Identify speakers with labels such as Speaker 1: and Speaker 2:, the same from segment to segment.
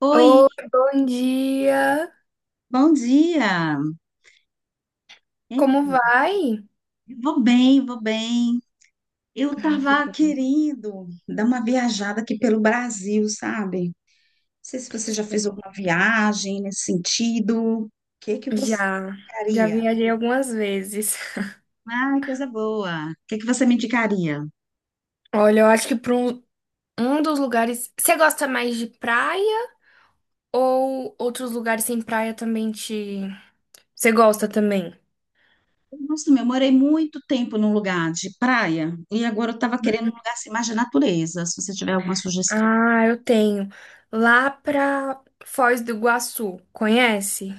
Speaker 1: Oi,
Speaker 2: Oi, bom dia.
Speaker 1: bom dia. É,
Speaker 2: Como vai?
Speaker 1: eu vou bem, vou bem. Eu tava querendo dar uma viajada aqui pelo Brasil, sabe? Não sei se você já fez alguma viagem nesse sentido. O que que você
Speaker 2: Já, já
Speaker 1: indicaria?
Speaker 2: viajei algumas vezes.
Speaker 1: Ai, coisa boa. O que que você me indicaria?
Speaker 2: Olha, eu acho que para um dos lugares. Você gosta mais de praia ou outros lugares sem praia também te. Você gosta também?
Speaker 1: Nossa, meu, eu morei muito tempo num lugar de praia e agora eu tava querendo um lugar assim, mais de natureza. Se você tiver alguma sugestão,
Speaker 2: Ah, eu tenho. Lá pra Foz do Iguaçu, conhece?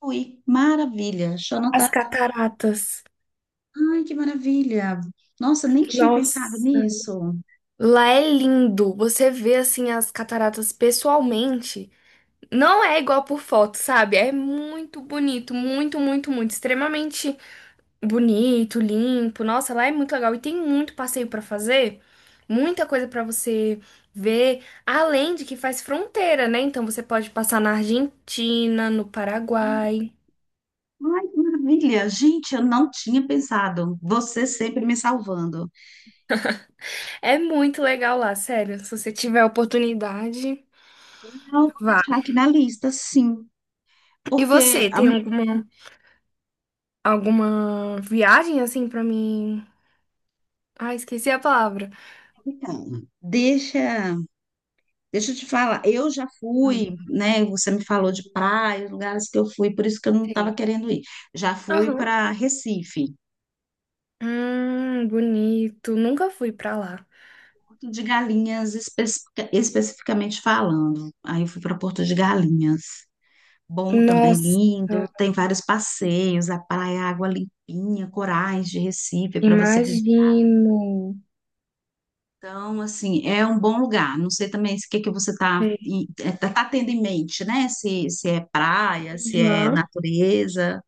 Speaker 1: fui. Maravilha. Deixa eu
Speaker 2: As
Speaker 1: anotar.
Speaker 2: cataratas.
Speaker 1: Ai, que maravilha! Nossa, nem tinha pensado
Speaker 2: Nossa.
Speaker 1: nisso.
Speaker 2: Lá é lindo. Você vê assim as cataratas pessoalmente. Não é igual por foto, sabe? É muito bonito, muito, muito, muito, extremamente bonito, limpo. Nossa, lá é muito legal e tem muito passeio pra fazer, muita coisa pra você ver, além de que faz fronteira, né? Então você pode passar na Argentina, no Paraguai.
Speaker 1: Ai, que maravilha! Gente, eu não tinha pensado. Você sempre me salvando.
Speaker 2: É muito legal lá, sério. Se você tiver a oportunidade,
Speaker 1: Não, vou
Speaker 2: vá.
Speaker 1: deixar aqui na lista, sim.
Speaker 2: E
Speaker 1: Porque,
Speaker 2: você,
Speaker 1: a-
Speaker 2: tem alguma viagem assim pra mim? Ah, esqueci a palavra.
Speaker 1: então, deixa eu te falar, eu já
Speaker 2: Hum,
Speaker 1: fui, né? Você me falou de praia, lugares que eu fui, por isso que eu não estava
Speaker 2: Sei.
Speaker 1: querendo ir. Já fui
Speaker 2: Aham.
Speaker 1: para Recife,
Speaker 2: Bonito. Nunca fui pra lá.
Speaker 1: Porto de Galinhas, especificamente falando. Aí eu fui para Porto de Galinhas. Bom também,
Speaker 2: Nossa,
Speaker 1: lindo. Tem vários passeios, a praia, água limpinha, corais de Recife para você visitar.
Speaker 2: imagino.
Speaker 1: Então, assim, é um bom lugar. Não sei também se o que que você está tá tendo em mente, né? Se é praia, se é
Speaker 2: Uhum.
Speaker 1: natureza.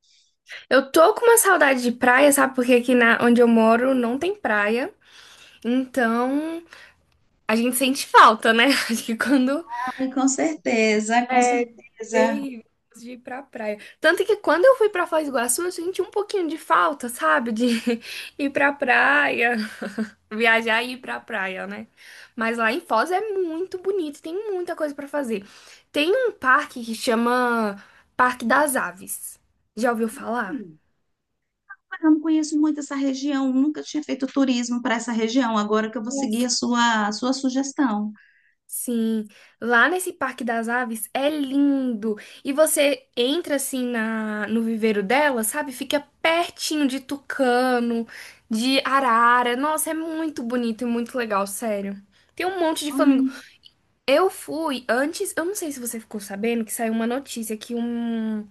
Speaker 2: Eu tô com uma saudade de praia, sabe? Porque aqui na, onde eu moro não tem praia. Então a gente sente falta, né? Acho que quando
Speaker 1: Ai, com certeza, com
Speaker 2: é
Speaker 1: certeza.
Speaker 2: terrível de ir pra praia. Tanto que quando eu fui pra Foz do Iguaçu, eu senti um pouquinho de falta, sabe? De ir pra praia. Viajar e ir pra praia, né? Mas lá em Foz é muito bonito, tem muita coisa pra fazer. Tem um parque que chama Parque das Aves. Já ouviu falar?
Speaker 1: Hum. Eu não conheço muito essa região, nunca tinha feito turismo para essa região. Agora que eu vou seguir
Speaker 2: Nossa.
Speaker 1: a a sua sugestão.
Speaker 2: Sim, lá nesse Parque das Aves é lindo. E você entra assim na no viveiro dela, sabe? Fica pertinho de tucano, de arara. Nossa, é muito bonito e muito legal, sério. Tem um monte de
Speaker 1: Ai,
Speaker 2: flamingos. Eu fui antes, eu não sei se você ficou sabendo que saiu uma notícia que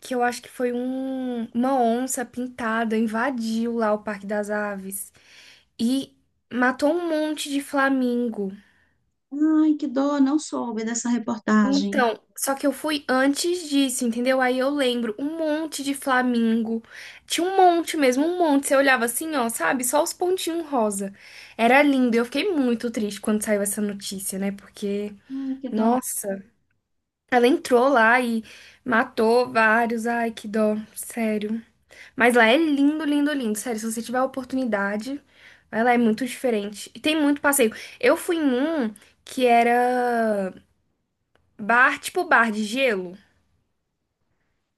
Speaker 2: que eu acho que foi um, uma onça pintada invadiu lá o Parque das Aves e matou um monte de flamingo.
Speaker 1: ai, que dó, não soube dessa reportagem.
Speaker 2: Então, só que eu fui antes disso, entendeu? Aí eu lembro, um monte de flamingo. Tinha um monte mesmo, um monte. Você olhava assim, ó, sabe? Só os pontinhos rosa. Era lindo. Eu fiquei muito triste quando saiu essa notícia, né? Porque,
Speaker 1: Ai, que dó.
Speaker 2: nossa. Ela entrou lá e matou vários. Ai, que dó, sério. Mas lá é lindo, lindo, lindo, sério. Se você tiver a oportunidade, vai lá, é muito diferente. E tem muito passeio. Eu fui em um que era bar, tipo bar de gelo,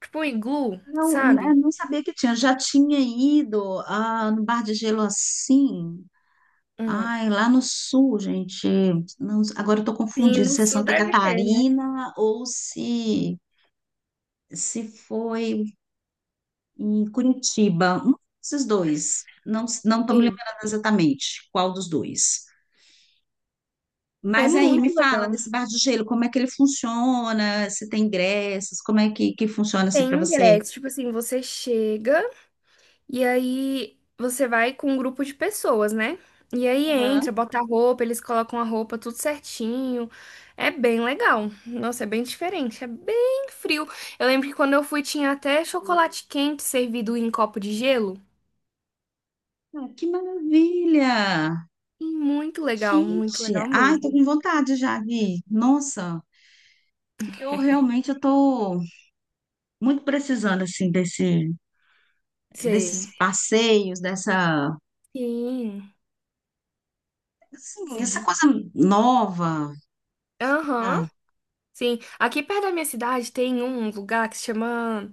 Speaker 2: tipo um iglu,
Speaker 1: Não,
Speaker 2: sabe?
Speaker 1: eu não sabia que tinha. Já tinha ido no Bar de Gelo assim.
Speaker 2: Hum.
Speaker 1: Ai, lá no sul, gente. Agora eu tô
Speaker 2: Sim,
Speaker 1: confundindo
Speaker 2: no
Speaker 1: se é
Speaker 2: sul
Speaker 1: Santa
Speaker 2: deve ter, né?
Speaker 1: Catarina ou se foi em Curitiba. Um desses dois. Não, não estou me
Speaker 2: Sim.
Speaker 1: lembrando exatamente qual dos dois.
Speaker 2: É
Speaker 1: Mas aí, me
Speaker 2: muito
Speaker 1: fala
Speaker 2: legal.
Speaker 1: desse Bar de Gelo, como é que ele funciona, se tem ingressos, como é que funciona assim
Speaker 2: Tem
Speaker 1: para você?
Speaker 2: ingresso, tipo assim, você chega. E aí você vai com um grupo de pessoas, né? E aí
Speaker 1: Aham.
Speaker 2: entra, bota a roupa, eles colocam a roupa tudo certinho. É bem legal. Nossa, é bem diferente, é bem frio. Eu lembro que quando eu fui tinha até chocolate quente servido em copo de gelo.
Speaker 1: Ah, que maravilha!
Speaker 2: E muito
Speaker 1: Gente,
Speaker 2: legal
Speaker 1: ai, tô
Speaker 2: mesmo.
Speaker 1: com vontade já, Gui. Nossa, eu realmente eu tô muito precisando assim desses
Speaker 2: Sei.
Speaker 1: passeios, dessa,
Speaker 2: Sim,
Speaker 1: assim, essa
Speaker 2: sim.
Speaker 1: coisa nova, essa
Speaker 2: Aham.
Speaker 1: coisa
Speaker 2: Sim, aqui perto da minha cidade tem um lugar que se chama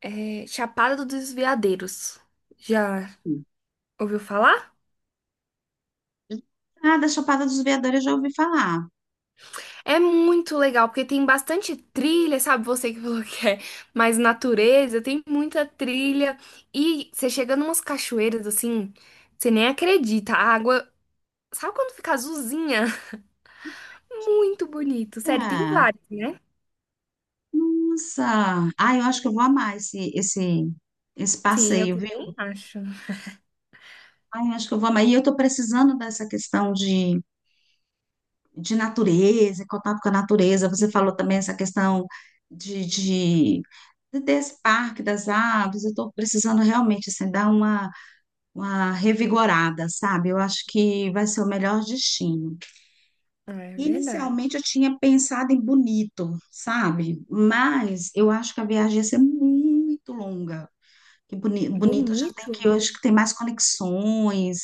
Speaker 2: Chapada dos Veadeiros. Já
Speaker 1: assim,
Speaker 2: ouviu falar?
Speaker 1: ah, da Chapada dos Veadores eu já ouvi falar.
Speaker 2: É muito legal, porque tem bastante trilha, sabe? Você que falou que é mais natureza, tem muita trilha. E você chega numas cachoeiras assim, você nem acredita. A água, sabe quando fica azulzinha? Muito bonito. Sério, tem
Speaker 1: Ah,
Speaker 2: vários, né?
Speaker 1: nossa, ai, eu acho que eu vou amar esse
Speaker 2: Sim, eu
Speaker 1: passeio, viu?
Speaker 2: também acho.
Speaker 1: Ai, eu acho que eu vou amar. E eu tô precisando dessa questão de natureza, contato com a natureza. Você falou também essa questão de, de- desse parque das aves. Eu estou precisando realmente assim, dar uma revigorada, sabe? Eu acho que vai ser o melhor destino.
Speaker 2: Ah, é verdade.
Speaker 1: Inicialmente eu tinha pensado em Bonito, sabe? Mas eu acho que a viagem ia ser muito longa. Que bonito já tem que
Speaker 2: Bonito?
Speaker 1: hoje que tem mais conexões.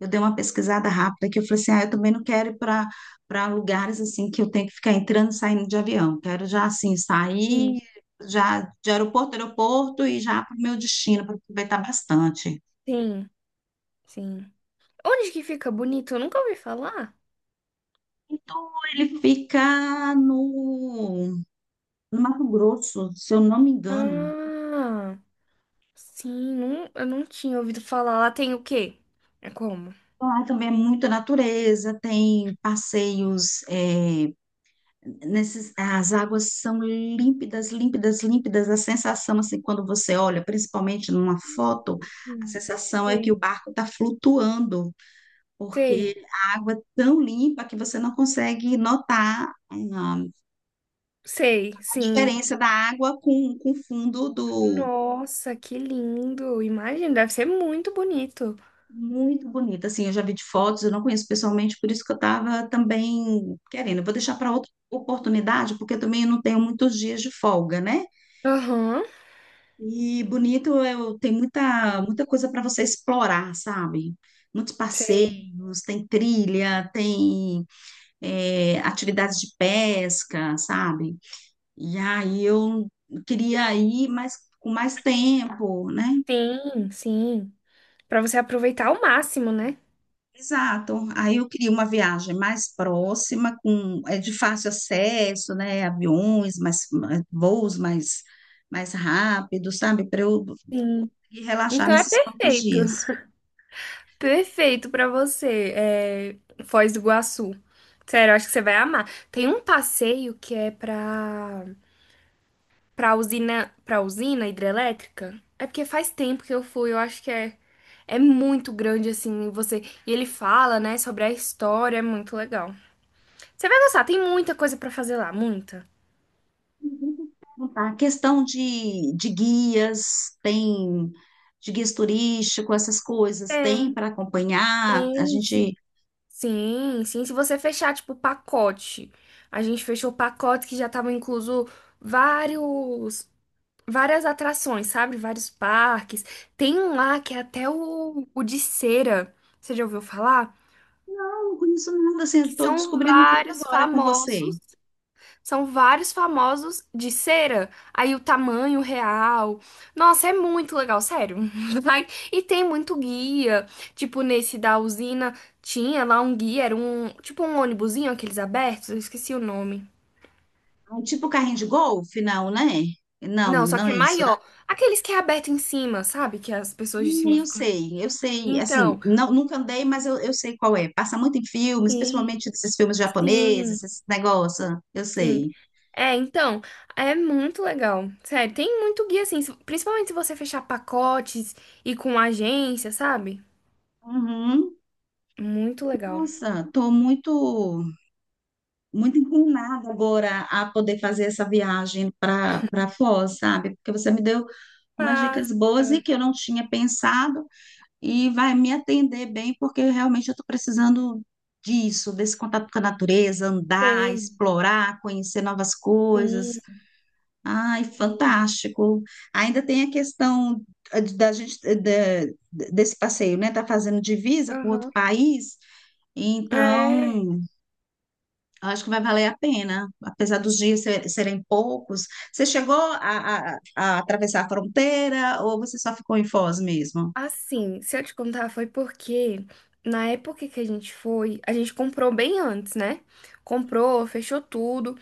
Speaker 1: Eu dei uma pesquisada rápida que eu falei assim, ah, eu também não quero ir para lugares assim que eu tenho que ficar entrando e saindo de avião. Quero já assim sair
Speaker 2: Sim,
Speaker 1: já de aeroporto a aeroporto e já para o meu destino para aproveitar bastante.
Speaker 2: sim, sim. Onde que fica bonito? Eu nunca ouvi falar.
Speaker 1: Então ele fica no Mato Grosso, se eu não me engano.
Speaker 2: Ah, sim, não, eu não tinha ouvido falar. Lá tem o quê? É como?
Speaker 1: Lá também é muita natureza, tem passeios nesses, as águas são límpidas, límpidas, límpidas. A sensação, assim, quando você olha, principalmente numa foto, a
Speaker 2: Hum,
Speaker 1: sensação é que o
Speaker 2: Sei,
Speaker 1: barco está flutuando,
Speaker 2: sei,
Speaker 1: porque a água é tão limpa que você não consegue notar, ah,
Speaker 2: sei,
Speaker 1: a
Speaker 2: sim.
Speaker 1: diferença da água com o fundo do.
Speaker 2: Nossa, que lindo! Imagina, deve ser muito bonito.
Speaker 1: Muito bonita. Assim, eu já vi de fotos, eu não conheço pessoalmente, por isso que eu estava também querendo. Eu vou deixar para outra oportunidade, porque também eu não tenho muitos dias de folga, né?
Speaker 2: Aham,
Speaker 1: E bonito, eu, tem muita, muita coisa para você explorar, sabe? Muitos
Speaker 2: sei.
Speaker 1: passeios, tem trilha, tem é, atividades de pesca, sabe? E aí eu queria ir mais, com mais tempo, né?
Speaker 2: Sim, sim. Pra você aproveitar ao máximo, né?
Speaker 1: Exato. Aí eu queria uma viagem mais próxima, com é de fácil acesso, né? Aviões, mais, voos mais, mais rápidos, sabe? Para eu
Speaker 2: Sim.
Speaker 1: conseguir relaxar
Speaker 2: Então é
Speaker 1: nesses poucos
Speaker 2: perfeito.
Speaker 1: dias.
Speaker 2: Perfeito pra você, Foz do Iguaçu. Sério, eu acho que você vai amar. Tem um passeio que é pra pra usina, pra usina hidrelétrica? É porque faz tempo que eu fui, eu acho que é, é muito grande assim, você, e ele fala, né, sobre a história, é muito legal. Você vai gostar, tem muita coisa pra fazer lá, muita.
Speaker 1: A questão de guias, tem de guias turísticos, essas coisas, tem
Speaker 2: Tem,
Speaker 1: para acompanhar. A
Speaker 2: tem.
Speaker 1: gente
Speaker 2: Sim, sim, se você fechar tipo o pacote. A gente fechou o pacote que já tava incluso vários várias atrações, sabe? Vários parques. Tem um lá que é até o de cera. Você já ouviu falar?
Speaker 1: não conheço nada assim, estou
Speaker 2: São
Speaker 1: descobrindo tudo
Speaker 2: vários
Speaker 1: agora com você.
Speaker 2: famosos, são vários famosos de cera. Aí o tamanho real. Nossa, é muito legal, sério. E tem muito guia. Tipo, nesse da usina tinha lá um guia, era um, tipo um ônibusinho, aqueles abertos, eu esqueci o nome.
Speaker 1: Um tipo carrinho de golfe, não, né? Não,
Speaker 2: Não, só
Speaker 1: não
Speaker 2: que é
Speaker 1: é isso, né?
Speaker 2: maior. Aqueles que é aberto em cima, sabe? Que as pessoas de cima
Speaker 1: Eu
Speaker 2: ficam.
Speaker 1: sei, eu sei, assim,
Speaker 2: Então,
Speaker 1: não, nunca andei, mas eu sei qual é. Passa muito em filmes,
Speaker 2: sim,
Speaker 1: principalmente esses filmes
Speaker 2: sim,
Speaker 1: japoneses, esses negócios, eu
Speaker 2: sim.
Speaker 1: sei.
Speaker 2: É, então, é muito legal. Sério, tem muito guia assim, principalmente se você fechar pacotes e com agência, sabe?
Speaker 1: Uhum.
Speaker 2: Muito legal.
Speaker 1: Nossa, tô muito inclinada agora a poder fazer essa viagem para Foz, sabe? Porque você me deu umas
Speaker 2: Passa,
Speaker 1: dicas boas e que eu não tinha pensado e vai me atender bem, porque realmente eu estou precisando disso, desse contato com a natureza, andar,
Speaker 2: sei.
Speaker 1: explorar, conhecer novas coisas.
Speaker 2: Sim,
Speaker 1: Ai,
Speaker 2: sim.
Speaker 1: fantástico. Ainda tem a questão da gente desse passeio, né? Tá fazendo divisa com outro
Speaker 2: Aham.
Speaker 1: país,
Speaker 2: É,
Speaker 1: então eu acho que vai valer a pena, apesar dos dias serem poucos. Você chegou a, a atravessar a fronteira ou você só ficou em Foz mesmo?
Speaker 2: assim, se eu te contar, foi porque na época que a gente foi, a gente comprou bem antes, né? Comprou, fechou tudo.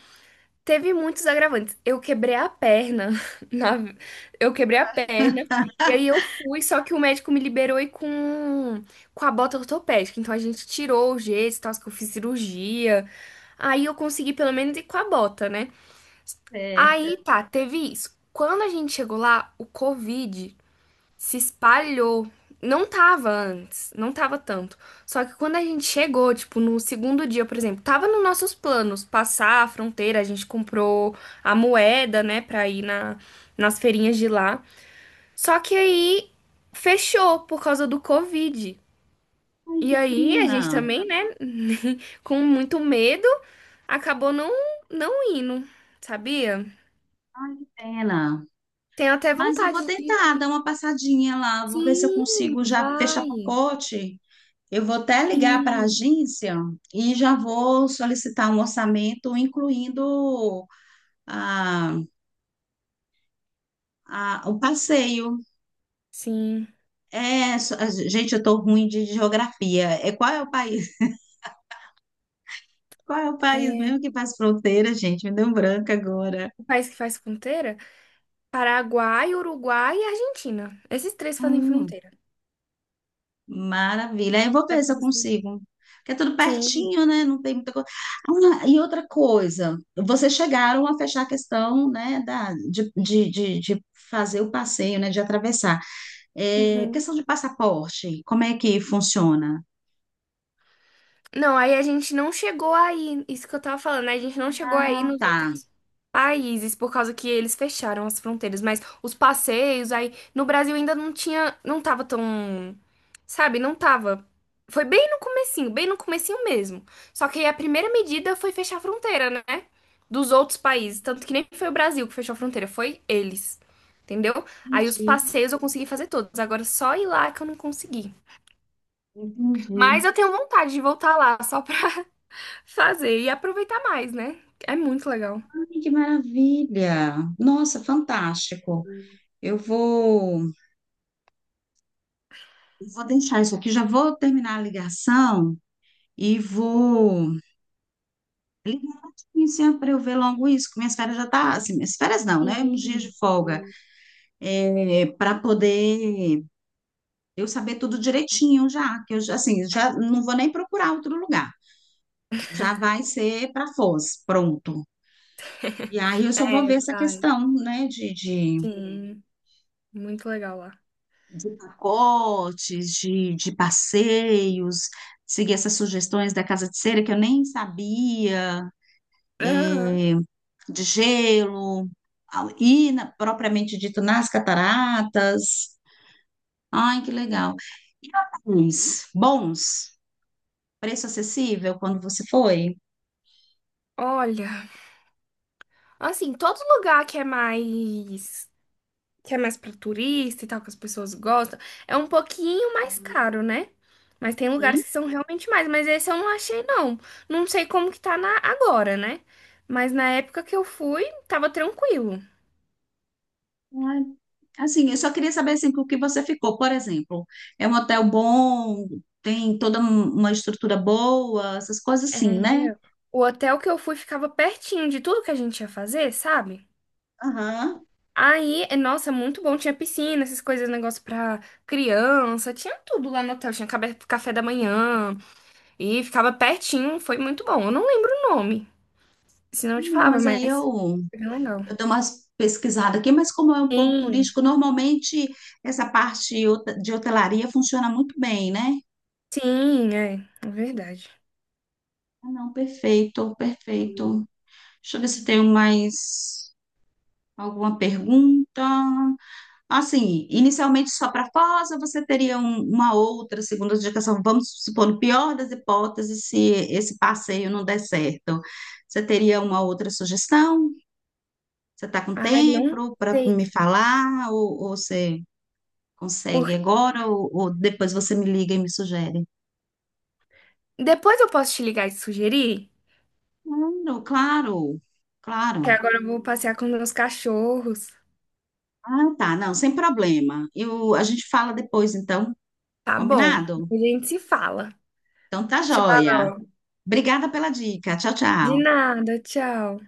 Speaker 2: Teve muitos agravantes. Eu quebrei a perna. na- Eu quebrei a perna. E aí eu fui, só que o médico me liberou e com a bota ortopédica. Então a gente tirou o gesso, e tal, que eu fiz cirurgia. Aí eu consegui pelo menos ir com a bota, né? Aí
Speaker 1: Certa.
Speaker 2: tá, teve isso. Quando a gente chegou lá, o Covid se espalhou. Não tava antes, não tava tanto. Só que quando a gente chegou, tipo, no segundo dia, por exemplo, tava nos nossos planos passar a fronteira, a gente comprou a moeda, né, pra ir na, nas feirinhas de lá. Só que aí fechou por causa do Covid.
Speaker 1: Ai,
Speaker 2: E
Speaker 1: que
Speaker 2: aí a
Speaker 1: pena.
Speaker 2: gente também, né, com muito medo, acabou não indo, sabia?
Speaker 1: Ai, que pena.
Speaker 2: Tenho até
Speaker 1: Mas eu vou
Speaker 2: vontade
Speaker 1: tentar
Speaker 2: de.
Speaker 1: dar uma passadinha lá, vou ver se eu
Speaker 2: Sim,
Speaker 1: consigo já fechar
Speaker 2: vai.
Speaker 1: pacote. Eu vou até ligar para a
Speaker 2: Sim,
Speaker 1: agência e já vou solicitar um orçamento, incluindo a, o passeio.
Speaker 2: sim.
Speaker 1: É, gente, eu estou ruim de geografia. É, qual é o país? Qual é o país
Speaker 2: É.
Speaker 1: mesmo que faz fronteira, gente? Me deu um branco agora.
Speaker 2: O país que faz fronteira? Paraguai, Uruguai e Argentina. Esses três fazem
Speaker 1: Hum,
Speaker 2: fronteira.
Speaker 1: maravilha. Aí eu vou
Speaker 2: Dá
Speaker 1: ver se
Speaker 2: pra
Speaker 1: eu
Speaker 2: você ir.
Speaker 1: consigo. Porque é tudo
Speaker 2: Sim.
Speaker 1: pertinho, né? Não tem muita coisa. Ah, e outra coisa, vocês chegaram a fechar a questão, né, da, de fazer o passeio, né, de atravessar. É,
Speaker 2: Uhum.
Speaker 1: questão de passaporte, como é que funciona?
Speaker 2: Não, aí a gente não chegou aí, isso que eu tava falando, né? A gente não chegou
Speaker 1: Ah,
Speaker 2: aí nos
Speaker 1: tá.
Speaker 2: outros países por causa que eles fecharam as fronteiras, mas os passeios aí no Brasil ainda não tinha, não tava tão, sabe, não tava. Foi bem no comecinho mesmo. Só que aí a primeira medida foi fechar a fronteira, né? Dos outros países, tanto que nem foi o Brasil que fechou a fronteira, foi eles. Entendeu? Aí os
Speaker 1: Entendi,
Speaker 2: passeios eu consegui fazer todos. Agora só ir lá que eu não consegui.
Speaker 1: entendi.
Speaker 2: Mas eu tenho vontade de voltar lá, só pra fazer e aproveitar mais, né? É muito legal.
Speaker 1: Ai, que maravilha. Nossa, fantástico. Eu vou. Vou deixar isso aqui, já vou terminar a ligação e vou ligar para eu ver logo isso, que minhas férias já tá, assim, minhas férias não, né? Uns dias de
Speaker 2: Sim.
Speaker 1: folga, é, para poder eu saber tudo direitinho já, que eu já, assim, já não vou nem procurar outro lugar. Já vai ser para Foz, pronto. E aí eu só vou
Speaker 2: É,
Speaker 1: ver essa
Speaker 2: vai.
Speaker 1: questão, né,
Speaker 2: Sim, muito legal lá.
Speaker 1: de pacotes, de passeios, seguir essas sugestões da Casa de Cera que eu nem sabia
Speaker 2: Aham.
Speaker 1: eh, de gelo, propriamente dito nas cataratas. Ai, que legal. E hotéis bons, preço acessível quando você foi?
Speaker 2: Olha, assim, todo lugar que é mais para turista e tal, que as pessoas gostam, é um pouquinho mais caro, né? Mas tem lugares
Speaker 1: Hum?
Speaker 2: que são realmente mais, mas esse eu não achei não. Não sei como que tá na agora, né? Mas na época que eu fui, tava tranquilo.
Speaker 1: Ai, assim, eu só queria saber assim, com o que você ficou. Por exemplo, é um hotel bom, tem toda uma estrutura boa, essas coisas assim, né?
Speaker 2: Era. O hotel que eu fui ficava pertinho de tudo que a gente ia fazer, sabe?
Speaker 1: Aham.
Speaker 2: Aí, é, nossa, é muito bom. Tinha piscina, essas coisas, negócio pra criança. Tinha tudo lá no hotel. Tinha café da manhã. E ficava pertinho. Foi muito bom. Eu não lembro o nome. Senão eu te
Speaker 1: Não,
Speaker 2: falava,
Speaker 1: mas aí
Speaker 2: mas
Speaker 1: eu
Speaker 2: foi bem legal.
Speaker 1: eu dou umas pesquisadas aqui, mas como é um ponto
Speaker 2: Sim,
Speaker 1: turístico, normalmente essa parte de hotelaria funciona muito bem, né?
Speaker 2: sim, é. É verdade.
Speaker 1: Ah, não, perfeito, perfeito. Deixa eu ver se tenho mais alguma pergunta. Assim, inicialmente só para Foz, ou você teria uma outra segunda indicação? Vamos supor, no pior das hipóteses, se esse passeio não der certo, você teria uma outra sugestão? Você está com
Speaker 2: Ai, não
Speaker 1: tempo para
Speaker 2: sei.
Speaker 1: me falar? Ou você. Consegue
Speaker 2: Por...
Speaker 1: agora ou depois você me liga e me sugere?
Speaker 2: Depois eu posso te ligar e te sugerir.
Speaker 1: Claro, claro,
Speaker 2: Que
Speaker 1: claro.
Speaker 2: agora eu vou passear com meus cachorros.
Speaker 1: Ah, tá, não, sem problema. Eu, a gente fala depois, então,
Speaker 2: Tá bom.
Speaker 1: combinado?
Speaker 2: A gente se fala.
Speaker 1: Então tá
Speaker 2: Tchau.
Speaker 1: joia. Obrigada pela dica. Tchau,
Speaker 2: De
Speaker 1: tchau.
Speaker 2: nada, tchau.